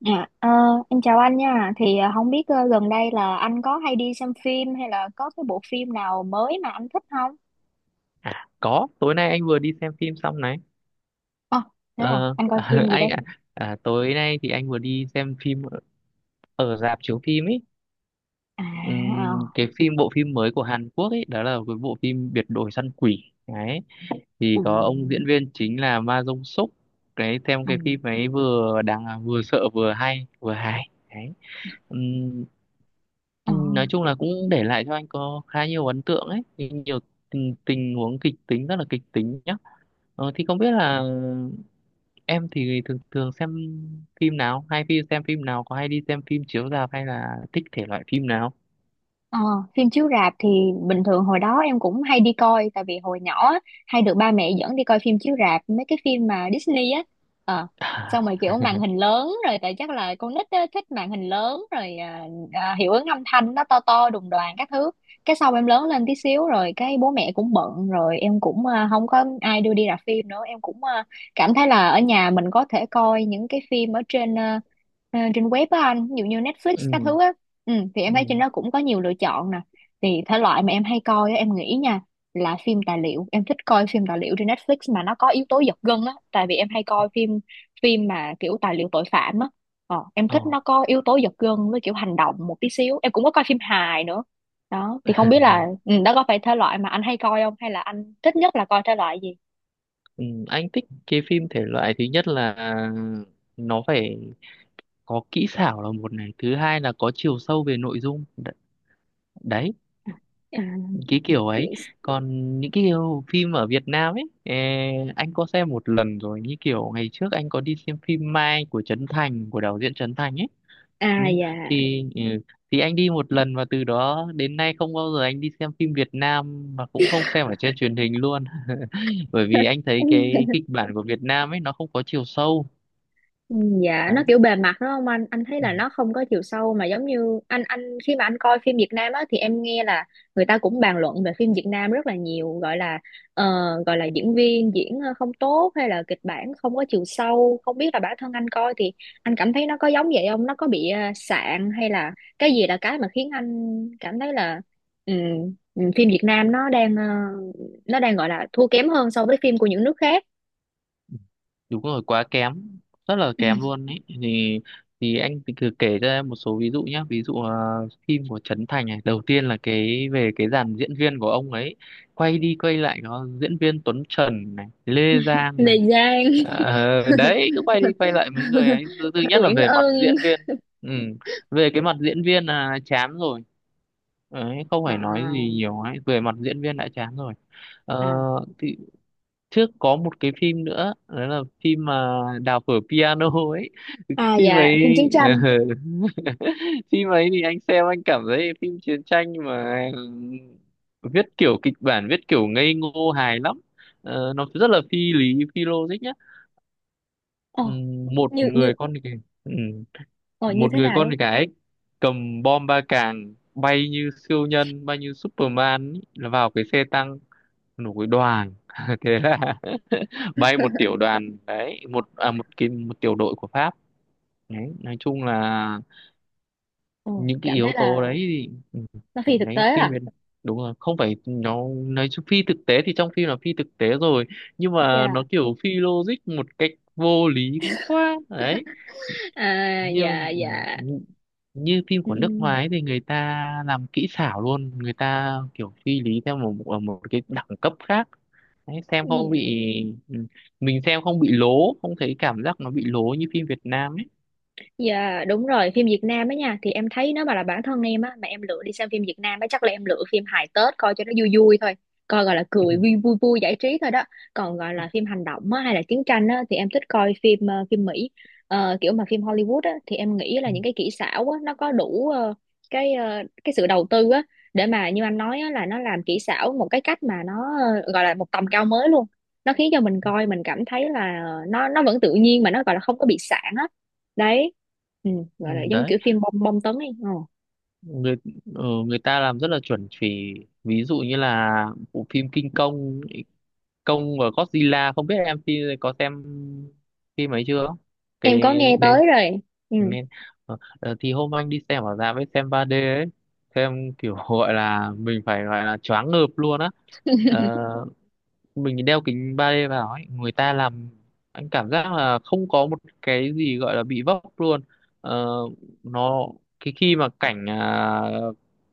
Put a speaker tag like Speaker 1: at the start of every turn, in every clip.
Speaker 1: Dạ, ờ, em chào anh nha. Thì không biết gần đây là anh có hay đi xem phim hay là có cái bộ phim nào mới mà anh thích không?
Speaker 2: À, có, tối nay anh vừa đi xem phim xong này.
Speaker 1: Ờ, Thế à,
Speaker 2: Ờ,
Speaker 1: anh coi phim gì đây?
Speaker 2: anh tối nay thì anh vừa đi xem phim ở ở rạp chiếu phim ấy.
Speaker 1: À, ờ,
Speaker 2: Cái phim bộ phim mới của Hàn Quốc ấy, đó là cái bộ phim Biệt đội săn quỷ. Đấy, thì
Speaker 1: ừ,
Speaker 2: có ông diễn viên chính là Ma Dông Súc. Cái xem cái
Speaker 1: ừ,
Speaker 2: phim ấy vừa đáng vừa sợ vừa hay, vừa hài. Đấy. Ừm,
Speaker 1: ờ.
Speaker 2: nói chung là cũng để lại cho anh có khá nhiều ấn tượng ấy, nhiều tình huống kịch tính rất là kịch tính nhá. Thì không biết là em thì thường thường xem phim nào hay phim xem phim nào có hay đi xem phim chiếu rạp hay là thích thể loại phim nào.
Speaker 1: Ờ, Phim chiếu rạp thì bình thường hồi đó em cũng hay đi coi, tại vì hồi nhỏ á, hay được ba mẹ dẫn đi coi phim chiếu rạp mấy cái phim mà Disney á, ờ
Speaker 2: À.
Speaker 1: xong rồi kiểu màn hình lớn rồi, tại chắc là con nít á, thích màn hình lớn rồi, hiệu ứng âm thanh nó to to đùng đoàn các thứ. Cái sau em lớn lên tí xíu rồi cái bố mẹ cũng bận rồi em cũng không có ai đưa đi rạp phim nữa, em cũng cảm thấy là ở nhà mình có thể coi những cái phim ở trên, trên web á anh, ví dụ như Netflix các
Speaker 2: Ừ.
Speaker 1: thứ á. Thì
Speaker 2: Ừ.
Speaker 1: em thấy trên đó cũng có nhiều lựa chọn nè, thì thể loại mà em hay coi á, em nghĩ nha, là phim tài liệu. Em thích coi phim tài liệu trên Netflix mà nó có yếu tố giật gân á, tại vì em hay coi phim phim mà kiểu tài liệu tội phạm á. Em
Speaker 2: Ồ.
Speaker 1: thích nó có yếu tố giật gân với kiểu hành động một tí xíu. Em cũng có coi phim hài nữa. Đó thì không biết là đó có phải thể loại mà anh hay coi không, hay là anh thích nhất là coi thể loại gì?
Speaker 2: Ừ, anh thích cái phim thể loại thứ nhất là nó phải có kỹ xảo là một này, thứ hai là có chiều sâu về nội dung. Đấy,
Speaker 1: À,
Speaker 2: cái kiểu ấy. Còn những cái kiểu phim ở Việt Nam ấy, anh có xem một lần rồi, như kiểu ngày trước anh có đi xem phim Mai của Trấn Thành, của đạo diễn Trấn Thành ấy. Ừ,
Speaker 1: à dạ.
Speaker 2: thì ừ, thì anh đi một lần và từ đó đến nay không bao giờ anh đi xem phim Việt Nam mà cũng không xem ở trên truyền hình luôn. Bởi vì anh thấy cái kịch bản của Việt Nam ấy nó không có chiều sâu.
Speaker 1: Ừ, dạ, nó kiểu bề mặt đúng không anh? Anh thấy là
Speaker 2: Đấy,
Speaker 1: nó không có chiều sâu, mà giống như anh khi mà anh coi phim Việt Nam á, thì em nghe là người ta cũng bàn luận về phim Việt Nam rất là nhiều, gọi là ờ, gọi là diễn viên diễn không tốt, hay là kịch bản không có chiều sâu. Không biết là bản thân anh coi thì anh cảm thấy nó có giống vậy không? Nó có bị sạn, hay là cái gì là cái mà khiến anh cảm thấy là ừ, phim Việt Nam nó đang nó đang gọi là thua kém hơn so với phim của những nước khác.
Speaker 2: đúng rồi, quá kém, rất là kém luôn ấy. Thì anh thì cứ kể cho em một số ví dụ nhé. Ví dụ, phim của Trấn Thành này, đầu tiên là cái về cái dàn diễn viên của ông ấy, quay đi quay lại có diễn viên Tuấn Trần này, Lê Giang
Speaker 1: Lê
Speaker 2: này.
Speaker 1: Giang.
Speaker 2: Đấy, cứ quay đi quay lại mấy người ấy. Thứ nhất là
Speaker 1: Uyển
Speaker 2: về mặt
Speaker 1: Ân.
Speaker 2: diễn viên. Ừ. Về cái mặt diễn viên là chán rồi. Đấy, không phải nói gì
Speaker 1: À,
Speaker 2: nhiều ấy, về mặt diễn viên đã chán rồi. Ờ,
Speaker 1: à,
Speaker 2: thì trước có một cái phim nữa, đó là phim mà đào phở piano ấy.
Speaker 1: à
Speaker 2: Phim
Speaker 1: dạ,
Speaker 2: ấy
Speaker 1: phim chiến tranh.
Speaker 2: phim ấy thì anh xem, anh cảm thấy phim chiến tranh mà viết kiểu kịch bản viết kiểu ngây ngô hài lắm. Nó rất là phi lý, phi logic nhá.
Speaker 1: ờ
Speaker 2: Ừm, một
Speaker 1: như như
Speaker 2: người con thì ừm,
Speaker 1: ờ như
Speaker 2: một
Speaker 1: thế
Speaker 2: người
Speaker 1: nào
Speaker 2: con
Speaker 1: đấy.
Speaker 2: thì cầm bom ba càng, bay như siêu nhân, bay như Superman ý, là vào cái xe tăng một cái đoàn thế là bay một tiểu đoàn đấy, một à, một cái một tiểu đội của Pháp. Đấy, nói chung là
Speaker 1: ờ
Speaker 2: những cái
Speaker 1: Cảm
Speaker 2: yếu
Speaker 1: thấy
Speaker 2: tố
Speaker 1: là
Speaker 2: đấy thì,
Speaker 1: nó phi thực tế
Speaker 2: đấy.
Speaker 1: à.
Speaker 2: Đúng rồi, không phải nó, nói chung phi thực tế thì trong phim là phi thực tế rồi, nhưng mà nó
Speaker 1: Dạ.
Speaker 2: kiểu phi logic một cách vô lý quá. Đấy,
Speaker 1: À
Speaker 2: như
Speaker 1: dạ, dạ,
Speaker 2: như phim
Speaker 1: ừ.
Speaker 2: của nước ngoài ấy thì người ta làm kỹ xảo luôn, người ta kiểu suy lý theo một ở một cái đẳng cấp khác. Đấy, xem không bị ừ, mình xem không bị lố, không thấy cảm giác nó bị lố như phim Việt Nam ấy.
Speaker 1: Dạ đúng rồi, phim Việt Nam á nha, thì em thấy nếu mà là bản thân em á, mà em lựa đi xem phim Việt Nam á, chắc là em lựa phim hài Tết coi cho nó vui vui thôi. Coi gọi là cười vui vui vui giải trí thôi đó. Còn gọi là phim hành động á, hay là chiến tranh á, thì em thích coi phim Mỹ. Kiểu mà phim Hollywood á, thì em nghĩ là
Speaker 2: Ừ, ừ,
Speaker 1: những cái kỹ xảo á nó có đủ cái sự đầu tư á, để mà như anh nói á, là nó làm kỹ xảo một cái cách mà nó gọi là một tầm cao mới luôn. Nó khiến cho mình coi mình cảm thấy là nó vẫn tự nhiên, mà nó gọi là không có bị sạn á. Đấy. ừ,
Speaker 2: ừ.
Speaker 1: Gọi là giống
Speaker 2: Đấy,
Speaker 1: kiểu phim bom bom tấn ấy. Ờ.
Speaker 2: người người ta làm rất là chuẩn chỉ. Ví dụ như là bộ phim King Kong, Kong và Godzilla, không biết em phim có xem phim ấy chưa cái.
Speaker 1: em có nghe
Speaker 2: Ừ,
Speaker 1: tới rồi. Ừ.
Speaker 2: nghe. Thì hôm anh đi xem ở rạp với xem 3D ấy, xem kiểu gọi là mình phải gọi là choáng ngợp luôn á. Ờ, mình đeo kính 3D vào ấy, người ta làm anh cảm giác là không có một cái gì gọi là bị vấp luôn. Ờ, nó cái khi mà cảnh,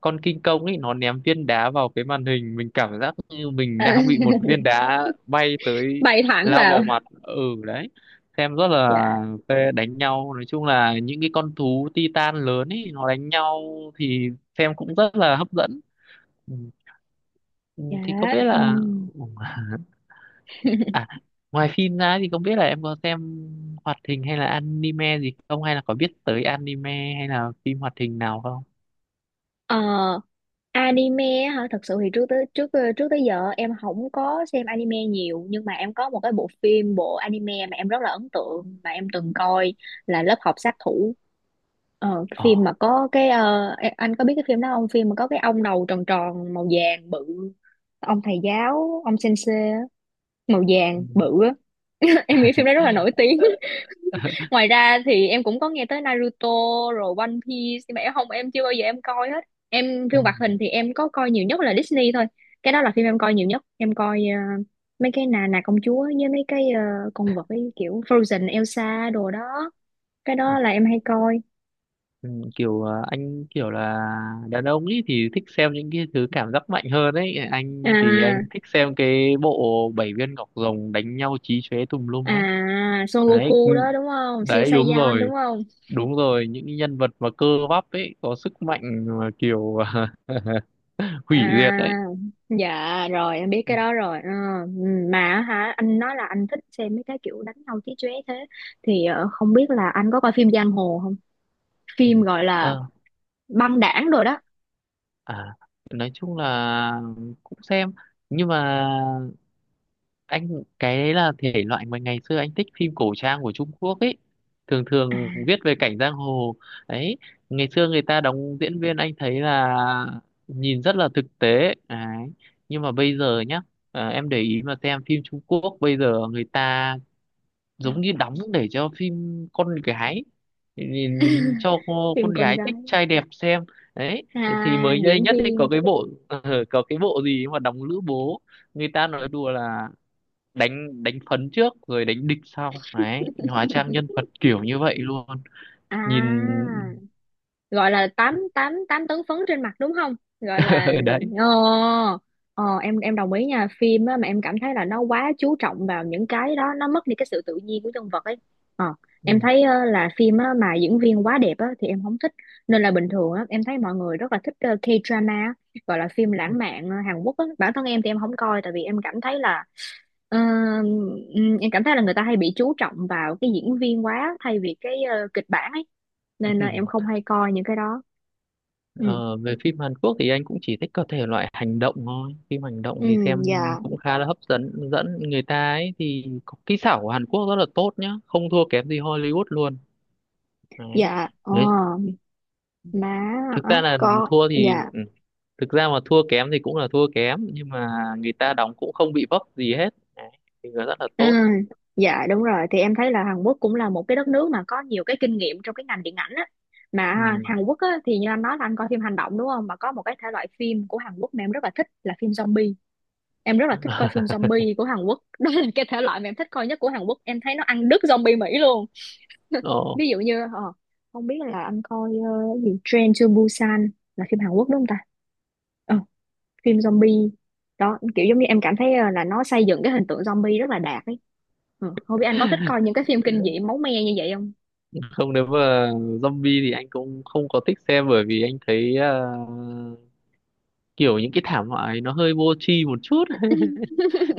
Speaker 2: con kinh công ấy nó ném viên đá vào cái màn hình, mình cảm giác như mình
Speaker 1: À.
Speaker 2: đang bị một viên đá bay tới,
Speaker 1: Bay thẳng
Speaker 2: lao
Speaker 1: vào.
Speaker 2: vào mặt. Ừ đấy xem rất là
Speaker 1: Dạ,
Speaker 2: phê. Đánh nhau nói chung là những cái con thú Titan lớn ấy nó đánh nhau thì xem cũng rất là hấp dẫn. Ừ,
Speaker 1: dạ,
Speaker 2: thì không biết
Speaker 1: ừ.
Speaker 2: là. À, ngoài phim ra thì không biết là em có xem hoạt hình hay là anime gì không, hay là có biết tới anime hay là phim hoạt hình nào không?
Speaker 1: ờ, Anime á hả? Thật sự thì trước tới giờ em không có xem anime nhiều, nhưng mà em có một cái bộ anime mà em rất là ấn tượng mà em từng coi, là lớp học sát thủ. Cái
Speaker 2: Ờ.
Speaker 1: phim mà có cái anh có biết cái phim đó không, phim mà có cái ông đầu tròn tròn màu vàng bự, ông thầy giáo ông sensei màu
Speaker 2: Ừ.
Speaker 1: vàng bự á. Em nghĩ phim đấy rất là nổi tiếng. Ngoài ra thì em cũng có nghe tới Naruto rồi One Piece, nhưng mà em không em chưa bao giờ em coi hết. Em,
Speaker 2: Ừ.
Speaker 1: phim hoạt hình thì em có coi nhiều nhất là Disney thôi. Cái đó là phim em coi nhiều nhất, em coi mấy cái nà nà công chúa với mấy cái con vật ấy, kiểu Frozen, Elsa đồ đó. Cái đó là em hay coi.
Speaker 2: Ừ. Kiểu anh kiểu là đàn ông ấy thì thích xem những cái thứ cảm giác mạnh hơn ấy, anh thì anh
Speaker 1: À,
Speaker 2: thích xem cái bộ bảy viên ngọc rồng đánh nhau chí chóe tùm lum ấy.
Speaker 1: à Son
Speaker 2: Đấy, ừ,
Speaker 1: Goku đó đúng không? Siêu
Speaker 2: đấy, đúng
Speaker 1: Saiyan đúng
Speaker 2: rồi,
Speaker 1: không?
Speaker 2: đúng rồi, những cái nhân vật mà cơ bắp ấy có sức mạnh mà kiểu hủy
Speaker 1: À,
Speaker 2: diệt ấy.
Speaker 1: dạ rồi em biết
Speaker 2: Ừ.
Speaker 1: cái đó rồi. Ờ, mà á hả, anh nói là anh thích xem mấy cái kiểu đánh nhau chí chóe thế, thì không biết là anh có coi phim giang hồ không?
Speaker 2: Ừ.
Speaker 1: Phim gọi là
Speaker 2: Ờ,
Speaker 1: băng đảng rồi đó.
Speaker 2: À, nói chung là cũng xem, nhưng mà anh cái đấy là thể loại mà ngày xưa anh thích phim cổ trang của Trung Quốc ấy, thường
Speaker 1: À,
Speaker 2: thường viết về cảnh giang hồ ấy, ngày xưa người ta đóng diễn viên anh thấy là nhìn rất là thực tế đấy. Nhưng mà bây giờ nhá, em để ý mà xem phim Trung Quốc bây giờ người ta giống như đóng để cho phim con gái, thì cho
Speaker 1: phim
Speaker 2: con
Speaker 1: con
Speaker 2: gái thích
Speaker 1: gái.
Speaker 2: trai đẹp xem. Đấy, thì
Speaker 1: À,
Speaker 2: mới đây
Speaker 1: diễn
Speaker 2: nhất ấy
Speaker 1: viên.
Speaker 2: có cái bộ có cái bộ gì mà đóng lữ bố. Người ta nói đùa là đánh đánh phấn trước rồi đánh địch sau, đấy, hóa trang nhân vật kiểu như vậy luôn.
Speaker 1: À,
Speaker 2: Nhìn
Speaker 1: gọi là tám tám tám tấn phấn trên mặt đúng không, gọi là...
Speaker 2: đấy.
Speaker 1: ờ, ờ em đồng ý nha, phim á mà em cảm thấy là nó quá chú trọng vào những cái đó, nó mất đi cái sự tự nhiên của nhân vật ấy. ờ em
Speaker 2: Ừ.
Speaker 1: thấy là phim á, mà diễn viên quá đẹp á, thì em không thích. Nên là bình thường á, em thấy mọi người rất là thích K-drama á, gọi là phim lãng mạn Hàn Quốc á. Bản thân em thì em không coi, tại vì em cảm thấy là Ờ, em cảm thấy là người ta hay bị chú trọng vào cái diễn viên quá, thay vì cái kịch bản ấy. Nên là em không hay coi những cái đó. Ừ.
Speaker 2: Ờ, về phim Hàn Quốc thì anh cũng chỉ thích các thể loại hành động thôi. Phim hành động
Speaker 1: Ừ,
Speaker 2: thì xem
Speaker 1: dạ,
Speaker 2: cũng khá là hấp dẫn. Dẫn người ta ấy thì có kỹ xảo của Hàn Quốc rất là tốt nhá, không thua kém gì Hollywood luôn. Đấy.
Speaker 1: dạ, ờ,
Speaker 2: Đấy.
Speaker 1: má,
Speaker 2: Thực ra là
Speaker 1: có,
Speaker 2: thua thì
Speaker 1: dạ.
Speaker 2: ừ. Thực ra mà thua kém thì cũng là thua kém, nhưng mà người ta đóng cũng không bị vấp gì hết. Đấy. Thì nó rất là
Speaker 1: Ừ,
Speaker 2: tốt.
Speaker 1: dạ đúng rồi, thì em thấy là Hàn Quốc cũng là một cái đất nước mà có nhiều cái kinh nghiệm trong cái ngành điện ảnh á, mà
Speaker 2: Ừ.
Speaker 1: ha, Hàn Quốc á, thì như anh nói là anh coi phim hành động đúng không, mà có một cái thể loại phim của Hàn Quốc mà em rất là thích là phim zombie. Em rất là thích coi phim zombie của Hàn Quốc. Đó là cái thể loại mà em thích coi nhất của Hàn Quốc, em thấy nó ăn đứt zombie Mỹ luôn.
Speaker 2: Ờ,
Speaker 1: Ví dụ như không biết là anh coi cái gì, Train to Busan là phim Hàn Quốc đúng không ta? Ờ, Phim zombie đó kiểu giống như em cảm thấy là nó xây dựng cái hình tượng zombie rất là đạt ấy. Ừ. Không biết anh có thích coi những cái phim kinh dị máu me như vậy không?
Speaker 2: Không, nếu mà zombie thì anh cũng không có thích xem, bởi vì anh thấy kiểu những cái thảm họa ấy nó hơi vô tri một chút,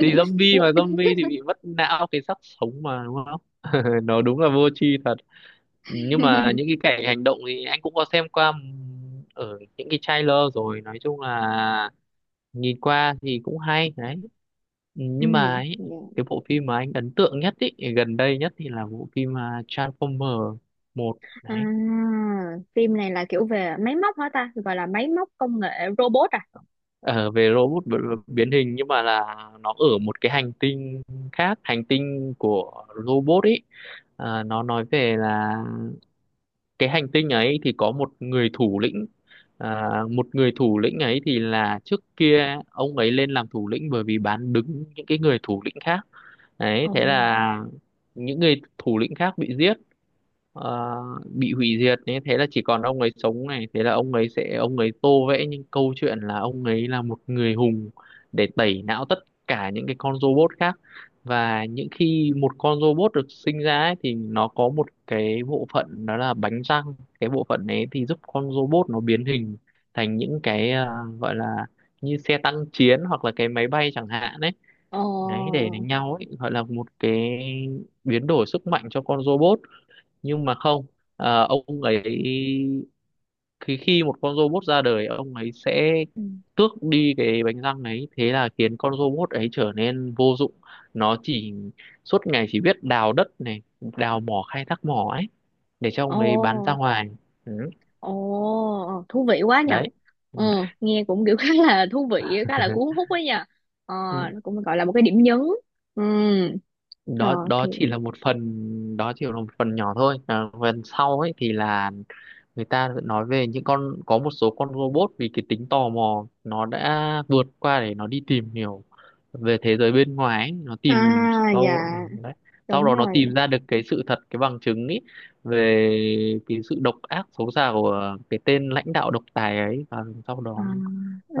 Speaker 2: thì zombie mà zombie thì bị mất não, cái xác sống mà đúng không, nó đúng là vô tri thật. Nhưng mà những cái cảnh hành động thì anh cũng có xem qua ở những cái trailer rồi, nói chung là nhìn qua thì cũng hay đấy.
Speaker 1: Ừ.
Speaker 2: Nhưng mà ấy,
Speaker 1: Dạ.
Speaker 2: cái bộ phim mà anh ấn tượng nhất ý, gần đây nhất thì là bộ phim, Transformer 1
Speaker 1: À,
Speaker 2: đấy.
Speaker 1: phim này là kiểu về máy móc hả ta, gọi là máy móc công nghệ, robot à?
Speaker 2: Ờ, về robot biến hình, nhưng mà là nó ở một cái hành tinh, khác hành tinh của robot ấy. Nó nói về là cái hành tinh ấy thì có một người thủ lĩnh, một người thủ lĩnh ấy thì là trước kia ông ấy lên làm thủ lĩnh bởi vì bán đứng những cái người thủ lĩnh khác. Đấy,
Speaker 1: Ồ.
Speaker 2: thế là những người thủ lĩnh khác bị giết, ờ, bị hủy diệt ấy, thế là chỉ còn ông ấy sống này, thế là ông ấy sẽ ông ấy tô vẽ những câu chuyện là ông ấy là một người hùng để tẩy não tất cả những cái con robot khác. Và những khi một con robot được sinh ra ấy, thì nó có một cái bộ phận đó là bánh răng. Cái bộ phận ấy thì giúp con robot nó biến hình thành những cái, gọi là như xe tăng chiến hoặc là cái máy bay chẳng hạn đấy.
Speaker 1: Ồ.
Speaker 2: Đấy, để đánh nhau ấy, gọi là một cái biến đổi sức mạnh cho con robot. Nhưng mà không, ông ấy, khi khi một con robot ra đời, ông ấy sẽ
Speaker 1: Ừ.
Speaker 2: tước đi cái bánh răng ấy, thế là khiến con robot ấy trở nên vô dụng. Nó chỉ suốt ngày chỉ biết đào đất này, đào mỏ, khai thác mỏ ấy để cho
Speaker 1: Ồ,
Speaker 2: ông ấy bán ra ngoài. Ừ,
Speaker 1: ồ, thú vị quá nhờ.
Speaker 2: đấy. Ừ.
Speaker 1: Ừ. Nghe cũng kiểu khá là thú vị, khá là cuốn hút ấy nhờ. ờ, nó cũng gọi là một cái điểm nhấn. Ừ.
Speaker 2: đó
Speaker 1: Rồi
Speaker 2: đó
Speaker 1: thì.
Speaker 2: chỉ là một phần, đó chỉ là một phần nhỏ thôi. Phần sau ấy thì là người ta vẫn nói về những con, có một số con robot vì cái tính tò mò nó đã vượt qua để nó đi tìm hiểu về thế giới bên ngoài ấy. Nó
Speaker 1: À
Speaker 2: tìm
Speaker 1: dạ
Speaker 2: sau đấy, sau
Speaker 1: đúng
Speaker 2: đó nó
Speaker 1: rồi.
Speaker 2: tìm ra được cái sự thật, cái bằng chứng ấy về cái sự độc ác xấu xa của cái tên lãnh đạo độc tài ấy và sau
Speaker 1: À,
Speaker 2: đó,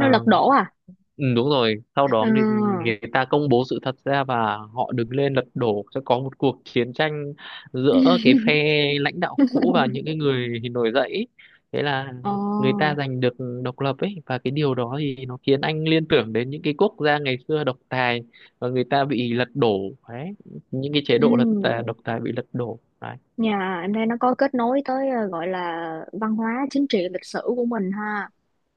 Speaker 1: nó lật đổ à?
Speaker 2: ừ, đúng rồi, sau đó người,
Speaker 1: À.
Speaker 2: người ta công bố sự thật ra và họ đứng lên lật đổ, sẽ có một cuộc chiến tranh giữa cái phe lãnh đạo cũ và những cái người nổi dậy ý. Thế là người
Speaker 1: Ồ,
Speaker 2: ta giành được độc lập ấy, và cái điều đó thì nó khiến anh liên tưởng đến những cái quốc gia ngày xưa độc tài và người ta bị lật đổ đấy, những cái chế
Speaker 1: ừ.
Speaker 2: độ độc tài bị lật đổ đấy.
Speaker 1: Nhà em đây, nó có kết nối tới gọi là văn hóa chính trị lịch sử của mình ha.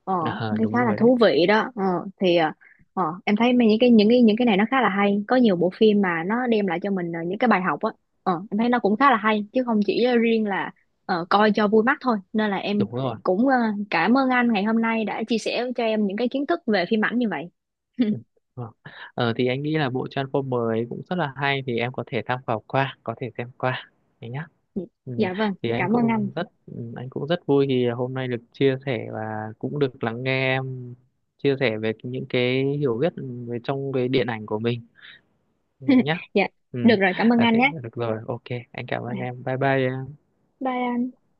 Speaker 1: ờ
Speaker 2: Ờ,
Speaker 1: Thấy
Speaker 2: đúng
Speaker 1: khá là
Speaker 2: rồi đấy,
Speaker 1: thú vị đó. Ờ thì ờ em thấy những cái này nó khá là hay, có nhiều bộ phim mà nó đem lại cho mình những cái bài học á. Em thấy nó cũng khá là hay, chứ không chỉ riêng là coi cho vui mắt thôi. Nên là em
Speaker 2: đúng rồi.
Speaker 1: cũng cảm ơn anh ngày hôm nay đã chia sẻ cho em những cái kiến thức về phim ảnh như vậy.
Speaker 2: Ừ, vâng. Thì anh nghĩ là bộ Transformer ấy cũng rất là hay, thì em có thể tham khảo qua, có thể xem qua đấy nhá. Ừ.
Speaker 1: Dạ vâng,
Speaker 2: Thì anh
Speaker 1: cảm ơn anh.
Speaker 2: cũng rất vui khi hôm nay được chia sẻ và cũng được lắng nghe em chia sẻ về những cái hiểu biết về trong cái điện ảnh của mình đấy nhá.
Speaker 1: Dạ
Speaker 2: Ừ.
Speaker 1: được rồi, cảm ơn
Speaker 2: à,
Speaker 1: anh
Speaker 2: thế,
Speaker 1: nhé.
Speaker 2: được rồi, ok, anh cảm ơn em, bye bye.
Speaker 1: Bye.